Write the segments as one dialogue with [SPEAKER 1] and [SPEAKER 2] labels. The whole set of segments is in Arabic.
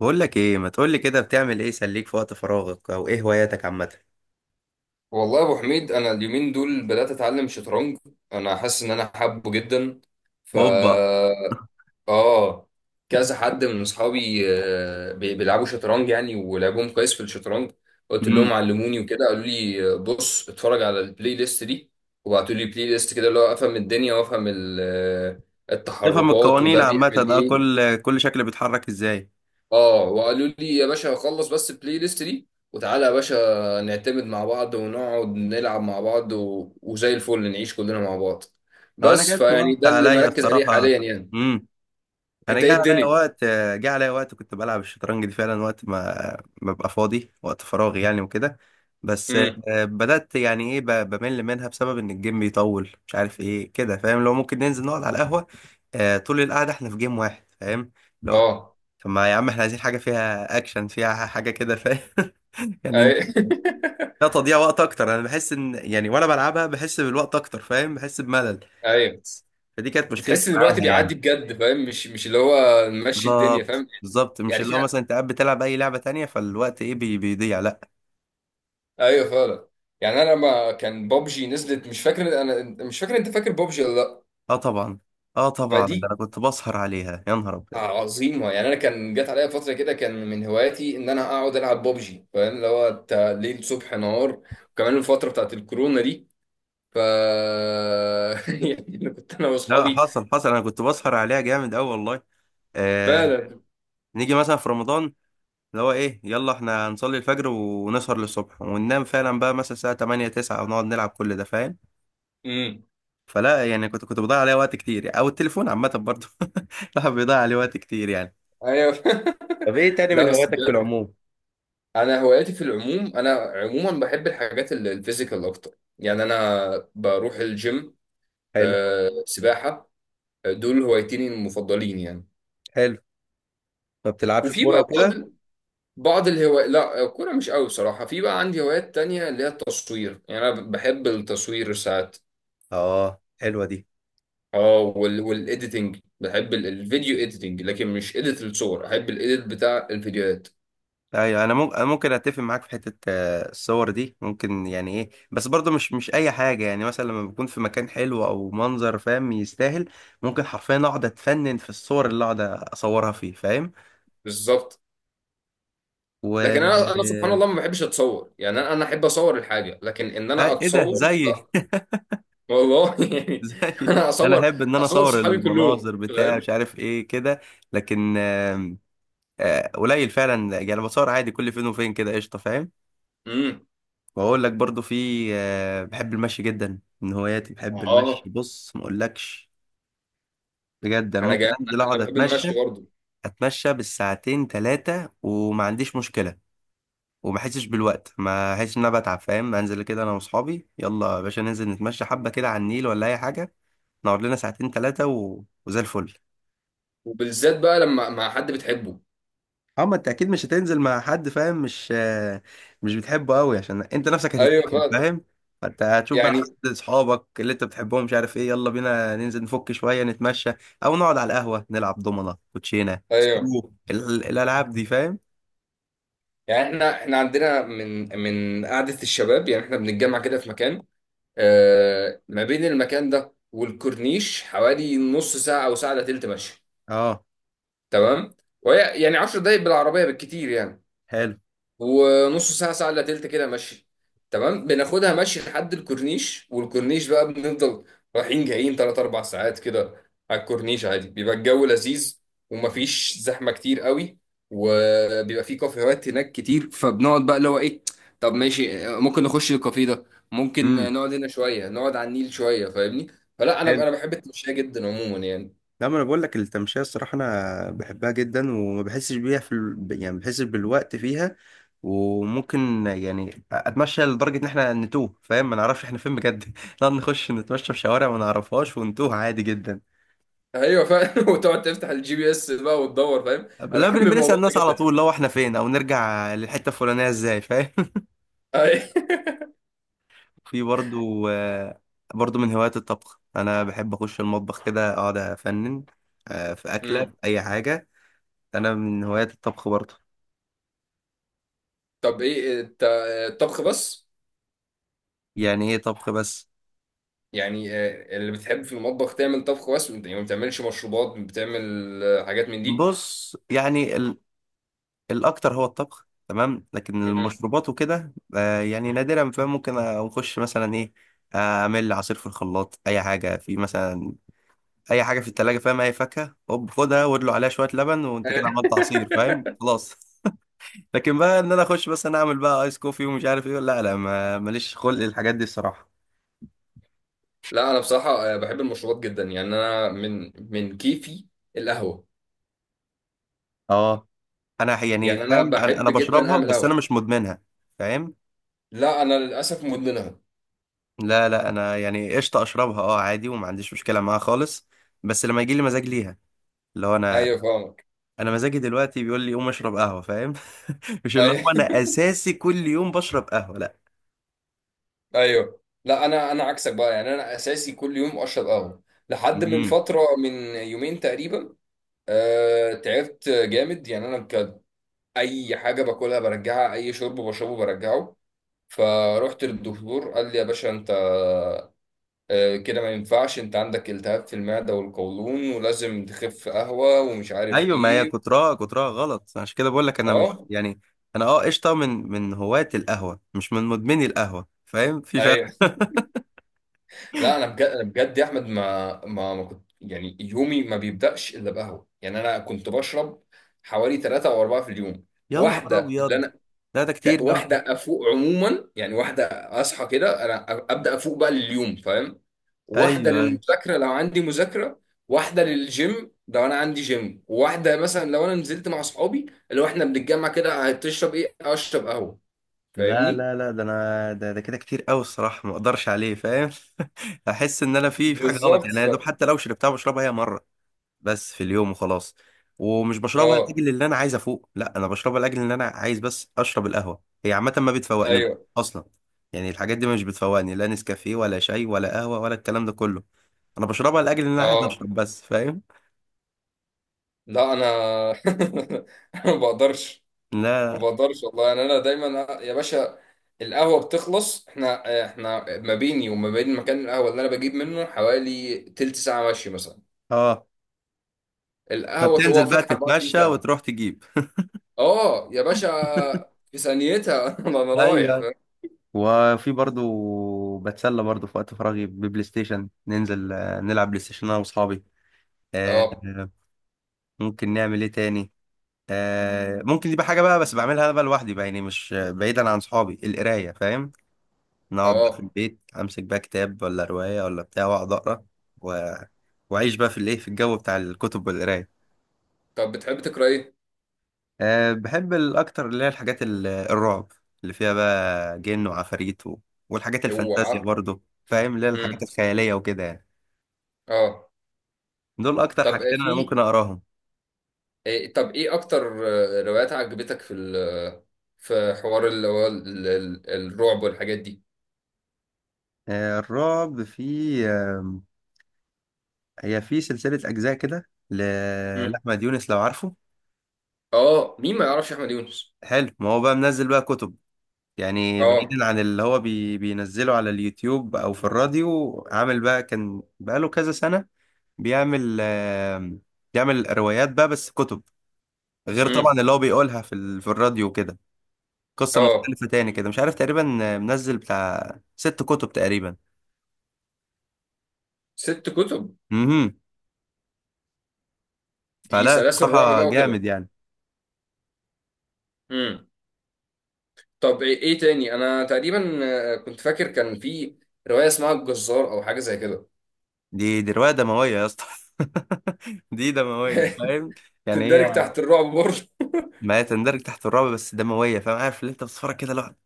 [SPEAKER 1] بقول لك ايه؟ ما تقول لي كده، بتعمل ايه يسليك في وقت فراغك او ايه هواياتك عامه؟
[SPEAKER 2] والله يا ابو حميد، انا اليومين دول بدات اتعلم شطرنج. انا حاسس ان انا حابه جدا. ف
[SPEAKER 1] اوبا.
[SPEAKER 2] اه كذا حد من اصحابي، بيلعبوا شطرنج يعني، ولعبهم كويس في الشطرنج. قلت
[SPEAKER 1] امم.
[SPEAKER 2] لهم علموني وكده، قالوا لي بص اتفرج على البلاي ليست دي. وبعتوا لي بلاي ليست كده، اللي هو افهم الدنيا وافهم
[SPEAKER 1] تفهم
[SPEAKER 2] التحركات
[SPEAKER 1] القوانين
[SPEAKER 2] وده
[SPEAKER 1] عامه،
[SPEAKER 2] بيعمل
[SPEAKER 1] اه
[SPEAKER 2] ايه.
[SPEAKER 1] كل شكل بيتحرك ازاي.
[SPEAKER 2] اه، وقالوا لي يا باشا خلص بس البلاي ليست دي، وتعالى يا باشا نعتمد مع بعض، ونقعد نلعب مع بعض وزي الفل نعيش كلنا مع بعض.
[SPEAKER 1] اه انا
[SPEAKER 2] بس
[SPEAKER 1] جت
[SPEAKER 2] فيعني
[SPEAKER 1] وقت
[SPEAKER 2] ده اللي
[SPEAKER 1] عليا
[SPEAKER 2] مركز عليه
[SPEAKER 1] الصراحه.
[SPEAKER 2] حاليا يعني.
[SPEAKER 1] امم. انا
[SPEAKER 2] انت ايه
[SPEAKER 1] جه عليا
[SPEAKER 2] الدنيا؟
[SPEAKER 1] وقت. جه عليا وقت كنت بلعب الشطرنج دي فعلا، وقت ما ببقى فاضي، وقت فراغي يعني وكده. بس
[SPEAKER 2] امم،
[SPEAKER 1] بدأت يعني ايه، بمل منها بسبب ان الجيم بيطول، مش عارف ايه كده فاهم؟ لو ممكن ننزل نقعد على القهوة، طول القعدة احنا في جيم واحد فاهم. لو
[SPEAKER 2] اه،
[SPEAKER 1] طب ما يا عم، احنا عايزين حاجة فيها اكشن، فيها حاجة كده فاهم؟ يعني
[SPEAKER 2] اي.
[SPEAKER 1] لا تضييع وقت اكتر. انا بحس ان يعني وانا بلعبها بحس بالوقت اكتر فاهم، بحس بملل.
[SPEAKER 2] ايوه،
[SPEAKER 1] فدي كانت مشكلتي
[SPEAKER 2] بتحس ان الوقت
[SPEAKER 1] معاها
[SPEAKER 2] بيعدي
[SPEAKER 1] يعني.
[SPEAKER 2] بجد فاهم، مش اللي هو نمشي الدنيا
[SPEAKER 1] بالظبط
[SPEAKER 2] فاهم.
[SPEAKER 1] بالظبط. مش
[SPEAKER 2] يعني
[SPEAKER 1] اللي
[SPEAKER 2] في،
[SPEAKER 1] هو مثلا انت قاعد بتلعب اي لعبة تانية، فالوقت ايه بيضيع، لا.
[SPEAKER 2] ايوه فعلا. يعني انا لما كان بابجي نزلت، مش فاكر، انا مش فاكر، انت فاكر بابجي ولا لا؟
[SPEAKER 1] اه طبعا. اه طبعا، ده
[SPEAKER 2] فدي
[SPEAKER 1] انا كنت بسهر عليها يا نهار ابيض.
[SPEAKER 2] عظيمة. يعني أنا كان جات عليا فترة كده، كان من هواياتي إن أنا أقعد ألعب ببجي فاهم، اللي هو ليل صبح نهار. وكمان الفترة بتاعت الكورونا دي. ف يعني كنت أنا
[SPEAKER 1] لا
[SPEAKER 2] وأصحابي
[SPEAKER 1] حصل حصل، انا كنت بسهر عليها جامد قوي والله. آه.
[SPEAKER 2] فعلا.
[SPEAKER 1] نيجي مثلا في رمضان، اللي هو ايه، يلا احنا هنصلي الفجر ونسهر للصبح وننام فعلا بقى مثلا الساعه 8 9 ونقعد نلعب كل ده فاهم.
[SPEAKER 2] امم،
[SPEAKER 1] فلا يعني كنت بضيع عليه وقت كتير يعني. او التليفون عامه برضه. الواحد بيضيع عليه وقت كتير يعني.
[SPEAKER 2] أيوه.
[SPEAKER 1] طب ايه تاني
[SPEAKER 2] لا
[SPEAKER 1] من
[SPEAKER 2] بس
[SPEAKER 1] هواياتك في
[SPEAKER 2] بجد،
[SPEAKER 1] العموم؟
[SPEAKER 2] أنا هواياتي في العموم، أنا عموما بحب الحاجات الفيزيكال أكتر. يعني أنا بروح الجيم،
[SPEAKER 1] حلو.
[SPEAKER 2] سباحة. دول هوايتين المفضلين يعني.
[SPEAKER 1] حلو. ما بتلعبش
[SPEAKER 2] وفي
[SPEAKER 1] كوره
[SPEAKER 2] بقى بعض
[SPEAKER 1] وكده؟
[SPEAKER 2] بعض الهوايات. لا، الكورة مش قوي بصراحة. في بقى عندي هوايات تانية، اللي هي التصوير. يعني أنا بحب التصوير ساعات.
[SPEAKER 1] اه حلوه دي.
[SPEAKER 2] اه، والإيديتنج، بحب الفيديو إيديتنج، لكن مش إيديت الصور. أحب الإيديت بتاع الفيديوهات.
[SPEAKER 1] ايوه انا ممكن، ممكن اتفق معاك في حته، الصور دي ممكن يعني ايه، بس برضه مش اي حاجه، يعني مثلا لما بكون في مكان حلو او منظر فاهم يستاهل، ممكن حرفيا اقعد اتفنن في الصور اللي اقعد اصورها فيه فاهم.
[SPEAKER 2] بالظبط.
[SPEAKER 1] و
[SPEAKER 2] لكن أنا سبحان الله ما بحبش أتصور. يعني أنا أحب أصور الحاجة، لكن إن أنا
[SPEAKER 1] ايه ده،
[SPEAKER 2] أتصور
[SPEAKER 1] زي
[SPEAKER 2] لا. والله. يعني
[SPEAKER 1] زي،
[SPEAKER 2] أنا
[SPEAKER 1] انا
[SPEAKER 2] أصور.
[SPEAKER 1] احب ان انا
[SPEAKER 2] أصور
[SPEAKER 1] اصور
[SPEAKER 2] صحابي كلهم،
[SPEAKER 1] المناظر بتاع مش
[SPEAKER 2] فاهم؟
[SPEAKER 1] عارف ايه كده، لكن قليل فعلا يعني، بصور عادي كل فين وفين كده قشطه فاهم.
[SPEAKER 2] امم،
[SPEAKER 1] واقول لك برضو في، بحب المشي جدا، من هواياتي بحب المشي،
[SPEAKER 2] اه.
[SPEAKER 1] بص ما اقولكش، بجد انا
[SPEAKER 2] أنا
[SPEAKER 1] ممكن
[SPEAKER 2] جا...
[SPEAKER 1] انزل
[SPEAKER 2] أنا
[SPEAKER 1] اقعد
[SPEAKER 2] بحب
[SPEAKER 1] اتمشى،
[SPEAKER 2] المشي برضه،
[SPEAKER 1] اتمشى بالساعتين ثلاثه وما عنديش مشكله، وما احسش بالوقت، ما احسش ان انا بتعب فاهم. انزل كده انا واصحابي، يلا يا باشا ننزل نتمشى حبه كده على النيل ولا اي حاجه، نقعد لنا ساعتين ثلاثة و... وزي الفل.
[SPEAKER 2] وبالذات بقى لما مع حد بتحبه.
[SPEAKER 1] اه ما انت اكيد مش هتنزل مع حد فاهم، مش مش بتحبه قوي، عشان انت نفسك
[SPEAKER 2] ايوه
[SPEAKER 1] هتتقفل
[SPEAKER 2] فعلا.
[SPEAKER 1] فاهم. فانت هتشوف بقى
[SPEAKER 2] يعني،
[SPEAKER 1] حد اصحابك اللي انت بتحبهم، مش عارف ايه، يلا بينا ننزل نفك شوية نتمشى، او نقعد على القهوة نلعب دومنة كوتشينة
[SPEAKER 2] ايوه.
[SPEAKER 1] سكرو، الالعاب دي فاهم.
[SPEAKER 2] يعني احنا عندنا من، من قعده الشباب. يعني احنا بنتجمع كده في مكان. آه، ما بين المكان ده والكورنيش حوالي نص ساعه او ساعه الا تلت ماشي.
[SPEAKER 1] اه
[SPEAKER 2] تمام. وهي يعني 10 دقايق بالعربيه بالكتير يعني.
[SPEAKER 1] حلو.
[SPEAKER 2] ونص ساعة ساعة إلا تلت كده مشي. تمام. بناخدها مشي لحد الكورنيش، والكورنيش بقى بنفضل رايحين جايين 3 4 ساعات كده. على الكورنيش عادي بيبقى الجو لذيذ، ومفيش زحمة كتير قوي. وبيبقى فيه كافيهات هناك كتير، فبنقعد بقى اللي هو إيه، طب ماشي، ممكن نخش الكافيه ده، ممكن
[SPEAKER 1] امم.
[SPEAKER 2] نقعد هنا شوية، نقعد على النيل شوية، فاهمني؟ فلا، أنا بحب التمشية جدا عموما يعني.
[SPEAKER 1] لا ما انا بقول لك التمشيه الصراحه انا بحبها جدا، وما بحسش بيها في ال... يعني ما بحسش بالوقت فيها، وممكن يعني اتمشى لدرجه ان احنا نتوه فاهم، ما نعرفش احنا فين بجد. نقعد نخش نتمشى في شوارع ما نعرفهاش ونتوه عادي جدا.
[SPEAKER 2] ايوه فعلا. وتقعد تفتح الجي بي اس بقى وتدور فاهم، انا
[SPEAKER 1] لا،
[SPEAKER 2] بحب
[SPEAKER 1] بنسال
[SPEAKER 2] الموضوع ده
[SPEAKER 1] الناس على
[SPEAKER 2] جدا.
[SPEAKER 1] طول لو احنا فين، او نرجع للحته الفلانيه ازاي فاهم.
[SPEAKER 2] أيوة.
[SPEAKER 1] في برضو، برضو من هوايات الطبخ، انا بحب اخش المطبخ كده اقعد افنن، في اكله في اي حاجه. انا من هوايات الطبخ برضو.
[SPEAKER 2] طب ايه الطبخ بس؟
[SPEAKER 1] يعني ايه طبخ بس؟
[SPEAKER 2] يعني اللي بتحب في المطبخ تعمل طبخ بس، وانت يعني ما بتعملش مشروبات، بتعمل حاجات من دي؟
[SPEAKER 1] بص يعني ال... الاكتر هو الطبخ تمام، لكن
[SPEAKER 2] مم.
[SPEAKER 1] المشروبات وكده آه يعني نادرا فاهم. ممكن اخش مثلا ايه، اعمل عصير في الخلاط، اي حاجه في مثلا، اي حاجه في التلاجة فاهم، اي فاكهه هوب خدها وادلو عليها شويه لبن وانت كده عملت عصير فاهم خلاص. لكن بقى ان انا اخش مثلا اعمل بقى ايس كوفي ومش عارف ايه، لا لا ما ماليش خلق الحاجات دي الصراحه.
[SPEAKER 2] لا انا بصراحه، بحب المشروبات جدا. يعني انا من، من كيفي القهوه.
[SPEAKER 1] اه انا يعني
[SPEAKER 2] يعني انا
[SPEAKER 1] فاهم، انا
[SPEAKER 2] بحب
[SPEAKER 1] انا
[SPEAKER 2] جدا
[SPEAKER 1] بشربها
[SPEAKER 2] اعمل
[SPEAKER 1] بس انا
[SPEAKER 2] قهوه.
[SPEAKER 1] مش مدمنها فاهم.
[SPEAKER 2] لا، انا للاسف مدمنها.
[SPEAKER 1] لا لا انا يعني قشطه اشربها اه عادي وما عنديش مشكله معاها خالص، بس لما يجي لي مزاج ليها، اللي هو انا،
[SPEAKER 2] ايوه، فاهمك.
[SPEAKER 1] انا مزاجي دلوقتي بيقول لي قوم اشرب قهوه فاهم. مش اللي هو
[SPEAKER 2] ايوه.
[SPEAKER 1] انا اساسي كل يوم بشرب قهوه، لا.
[SPEAKER 2] ايوه، لا انا عكسك بقى. يعني انا اساسي كل يوم اشرب قهوه لحد من
[SPEAKER 1] امم.
[SPEAKER 2] فتره، من يومين تقريبا. تعبت جامد يعني. انا اي حاجه باكلها برجعها، اي شرب بشربه برجعه. فروحت للدكتور، قال لي يا باشا انت كده ما ينفعش. انت عندك التهاب في المعده والقولون، ولازم تخف قهوه ومش عارف
[SPEAKER 1] ايوه ما هي
[SPEAKER 2] ايه.
[SPEAKER 1] كترها، كترها غلط، عشان كده بقول لك انا مش
[SPEAKER 2] اه،
[SPEAKER 1] يعني، انا اه قشطه من هواة القهوه، مش من مدمني القهوه فاهم، في فرق.
[SPEAKER 2] ايوه. لا انا بجد، انا بجد يا احمد، ما كنت يعني يومي ما بيبداش الا بقهوه. يعني انا كنت بشرب حوالي ثلاثة او اربعة في اليوم.
[SPEAKER 1] يا نهار
[SPEAKER 2] واحده
[SPEAKER 1] ابيض.
[SPEAKER 2] اللي
[SPEAKER 1] لا ده كتير قوي.
[SPEAKER 2] واحده افوق عموما، يعني واحده اصحى كده انا ابدا افوق بقى لليوم فاهم. واحده
[SPEAKER 1] ايوه ايوه.
[SPEAKER 2] للمذاكره لو عندي مذاكره، واحده للجيم لو انا عندي جيم، واحده مثلا لو انا نزلت مع اصحابي، اللي هو احنا بنتجمع كده، هتشرب ايه؟ اشرب قهوه.
[SPEAKER 1] لا
[SPEAKER 2] فاهمني؟
[SPEAKER 1] لا لا ده انا ده كده كتير قوي الصراحه، ما اقدرش عليه فاهم. احس ان انا في حاجه غلط،
[SPEAKER 2] بالظبط.
[SPEAKER 1] يعني انا يا دوب حتى لو شربتها بشربها هي مره بس في اليوم وخلاص. ومش بشربها
[SPEAKER 2] اه،
[SPEAKER 1] لاجل اللي انا عايز افوق، لا، انا بشربها لاجل ان انا عايز بس اشرب القهوه، هي عامه ما بتفوقنيش
[SPEAKER 2] ايوه،
[SPEAKER 1] اصلا. يعني الحاجات دي مش بتفوقني، لا نسكافيه ولا شاي ولا قهوه ولا الكلام ده كله، انا بشربها لاجل ان انا عايز
[SPEAKER 2] اه.
[SPEAKER 1] اشرب بس فاهم.
[SPEAKER 2] لا انا. أنا ما بقدرش، ما
[SPEAKER 1] لا.
[SPEAKER 2] بقدرش والله. يعني انا دايما يا باشا القهوه بتخلص، احنا ما بيني وما بين مكان القهوه اللي انا بجيب منه حوالي تلت ساعه مشي مثلا.
[SPEAKER 1] اه طب
[SPEAKER 2] القهوه هو
[SPEAKER 1] تنزل بقى
[SPEAKER 2] فاتح 24
[SPEAKER 1] تتمشى
[SPEAKER 2] ساعه.
[SPEAKER 1] وتروح تجيب.
[SPEAKER 2] اه يا باشا، في ثانيتها. انا رايح
[SPEAKER 1] ايوه.
[SPEAKER 2] فاهم.
[SPEAKER 1] وفي برضو بتسلى برضو في وقت فراغي ببلاي ستيشن، ننزل نلعب بلاي ستيشن انا واصحابي. آه،
[SPEAKER 2] اه،
[SPEAKER 1] آه، ممكن نعمل ايه تاني، ممكن دي بقى حاجه بقى بس بعملها انا بقى لوحدي بقى يعني مش بعيدا عن صحابي القرايه فاهم. نقعد بقى في
[SPEAKER 2] اه.
[SPEAKER 1] البيت، امسك بقى كتاب ولا روايه ولا بتاع واقعد اقرا، و... واعيش بقى في الايه، في الجو بتاع الكتب والقرايه.
[SPEAKER 2] طب بتحب تقرا ايه؟
[SPEAKER 1] أه بحب الاكتر اللي هي الحاجات الرعب، اللي فيها بقى جن وعفاريت و... والحاجات الفانتازيا
[SPEAKER 2] اوعى.
[SPEAKER 1] برضو فاهم، اللي هي الحاجات
[SPEAKER 2] امم،
[SPEAKER 1] الخياليه وكده يعني.
[SPEAKER 2] اه.
[SPEAKER 1] دول اكتر
[SPEAKER 2] طب
[SPEAKER 1] حاجتين انا
[SPEAKER 2] في
[SPEAKER 1] ممكن اقراهم.
[SPEAKER 2] طب ايه اكتر روايات عجبتك في في حوار اللي هو الرعب والحاجات دي؟
[SPEAKER 1] الرعب في هي في سلسلة اجزاء كده،
[SPEAKER 2] مم.
[SPEAKER 1] لاحمد يونس لو عارفه.
[SPEAKER 2] اه، مين ما يعرفش احمد يونس.
[SPEAKER 1] حلو. ما هو بقى منزل بقى كتب، يعني
[SPEAKER 2] اه،
[SPEAKER 1] بعيدا عن اللي هو بينزله على اليوتيوب او في الراديو، عامل بقى كان بقاله كذا سنة بيعمل بيعمل روايات بقى، بس كتب، غير طبعا
[SPEAKER 2] امم،
[SPEAKER 1] اللي هو بيقولها في ال- في الراديو كده. قصة
[SPEAKER 2] اه.
[SPEAKER 1] مختلفة تاني كده مش عارف، تقريبا منزل بتاع ست كتب تقريبا.
[SPEAKER 2] ست كتب.
[SPEAKER 1] امم.
[SPEAKER 2] دي
[SPEAKER 1] فلا
[SPEAKER 2] سلاسل رعب
[SPEAKER 1] الصراحة
[SPEAKER 2] بقى
[SPEAKER 1] جامد
[SPEAKER 2] وكده.
[SPEAKER 1] يعني.
[SPEAKER 2] امم. طب ايه تاني؟ انا تقريبا كنت فاكر كان في روايه اسمها الجزار او حاجه زي كده.
[SPEAKER 1] دي رواية دموية يا اسطى. دي دموية فاهم. يعني
[SPEAKER 2] تندرج
[SPEAKER 1] هي،
[SPEAKER 2] تحت الرعب برضه.
[SPEAKER 1] ما تندرج تحت الرعب بس دموية فاهم، عارف اللي انت بتتفرج كده لوحدك،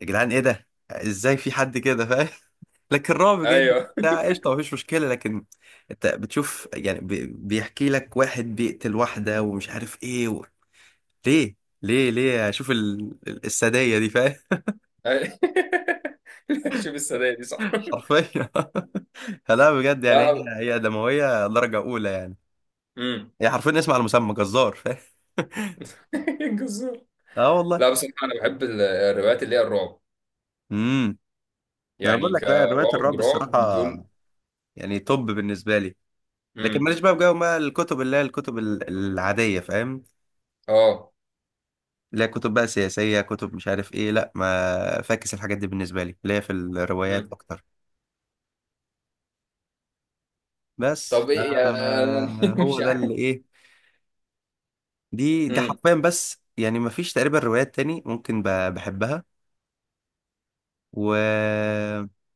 [SPEAKER 1] يا جدعان ايه ده ازاي في حد كده فاهم. لكن رعب جدا
[SPEAKER 2] ايوه.
[SPEAKER 1] بتاع قشطة مفيش مشكلة، لكن انت بتشوف يعني، بيحكي لك واحد بيقتل واحدة ومش عارف ايه و... ليه؟ ليه ليه اشوف ال... السادية دي فاهم؟
[SPEAKER 2] أي- شوف السنه دي صح.
[SPEAKER 1] حرفيا. لا بجد يعني
[SPEAKER 2] لا.
[SPEAKER 1] هي دموية درجة أولى يعني.
[SPEAKER 2] امم.
[SPEAKER 1] هي حرفيا اسم على المسمى جزار فاهم.
[SPEAKER 2] الجزار.
[SPEAKER 1] اه
[SPEAKER 2] لا
[SPEAKER 1] والله.
[SPEAKER 2] بصراحه انا بحب الروايات اللي هي الرعب.
[SPEAKER 1] امم. انا بقول
[SPEAKER 2] يعني
[SPEAKER 1] لك لا، روايات
[SPEAKER 2] كرعب
[SPEAKER 1] الرعب الصراحه
[SPEAKER 2] رعب دول.
[SPEAKER 1] يعني توب بالنسبه لي، لكن
[SPEAKER 2] امم،
[SPEAKER 1] ماليش بقى في جو بقى الكتب اللي هي الكتب العاديه فاهم،
[SPEAKER 2] اه،
[SPEAKER 1] اللي هي كتب بقى سياسيه، كتب مش عارف ايه، لا ما فاكس الحاجات دي بالنسبه لي، اللي هي في الروايات
[SPEAKER 2] امم.
[SPEAKER 1] اكتر. بس
[SPEAKER 2] طب ايه يعني؟
[SPEAKER 1] هو
[SPEAKER 2] مش
[SPEAKER 1] ده
[SPEAKER 2] عارف.
[SPEAKER 1] اللي ايه، دي حرفيا بس، يعني ما فيش تقريبا روايات تاني ممكن بحبها. و،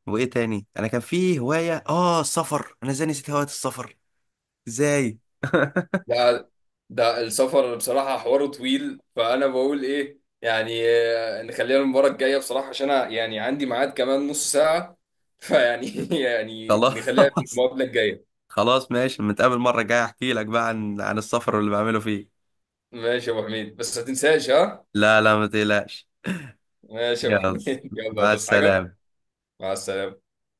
[SPEAKER 1] وايه تاني، انا كان في هوايه اه السفر، انا ازاي نسيت هوايه السفر ازاي؟
[SPEAKER 2] ده ده السفر بصراحة حواره طويل. فأنا بقول إيه يعني نخليها المباراة الجاية بصراحة، عشان أنا يعني عندي ميعاد كمان نص ساعة. فيعني يعني نخليها في
[SPEAKER 1] خلاص.
[SPEAKER 2] المقابلة الجاية.
[SPEAKER 1] خلاص ماشي، نتقابل مرة جاية احكي لك بقى عن عن السفر واللي بعمله فيه.
[SPEAKER 2] ماشي يا أبو حميد بس ما تنساش، ها.
[SPEAKER 1] لا لا ما تقلقش.
[SPEAKER 2] ماشي يا أبو
[SPEAKER 1] يلا.
[SPEAKER 2] حميد. يلا
[SPEAKER 1] مع
[SPEAKER 2] تصحى حاجة.
[SPEAKER 1] السلامة.
[SPEAKER 2] مع السلامة.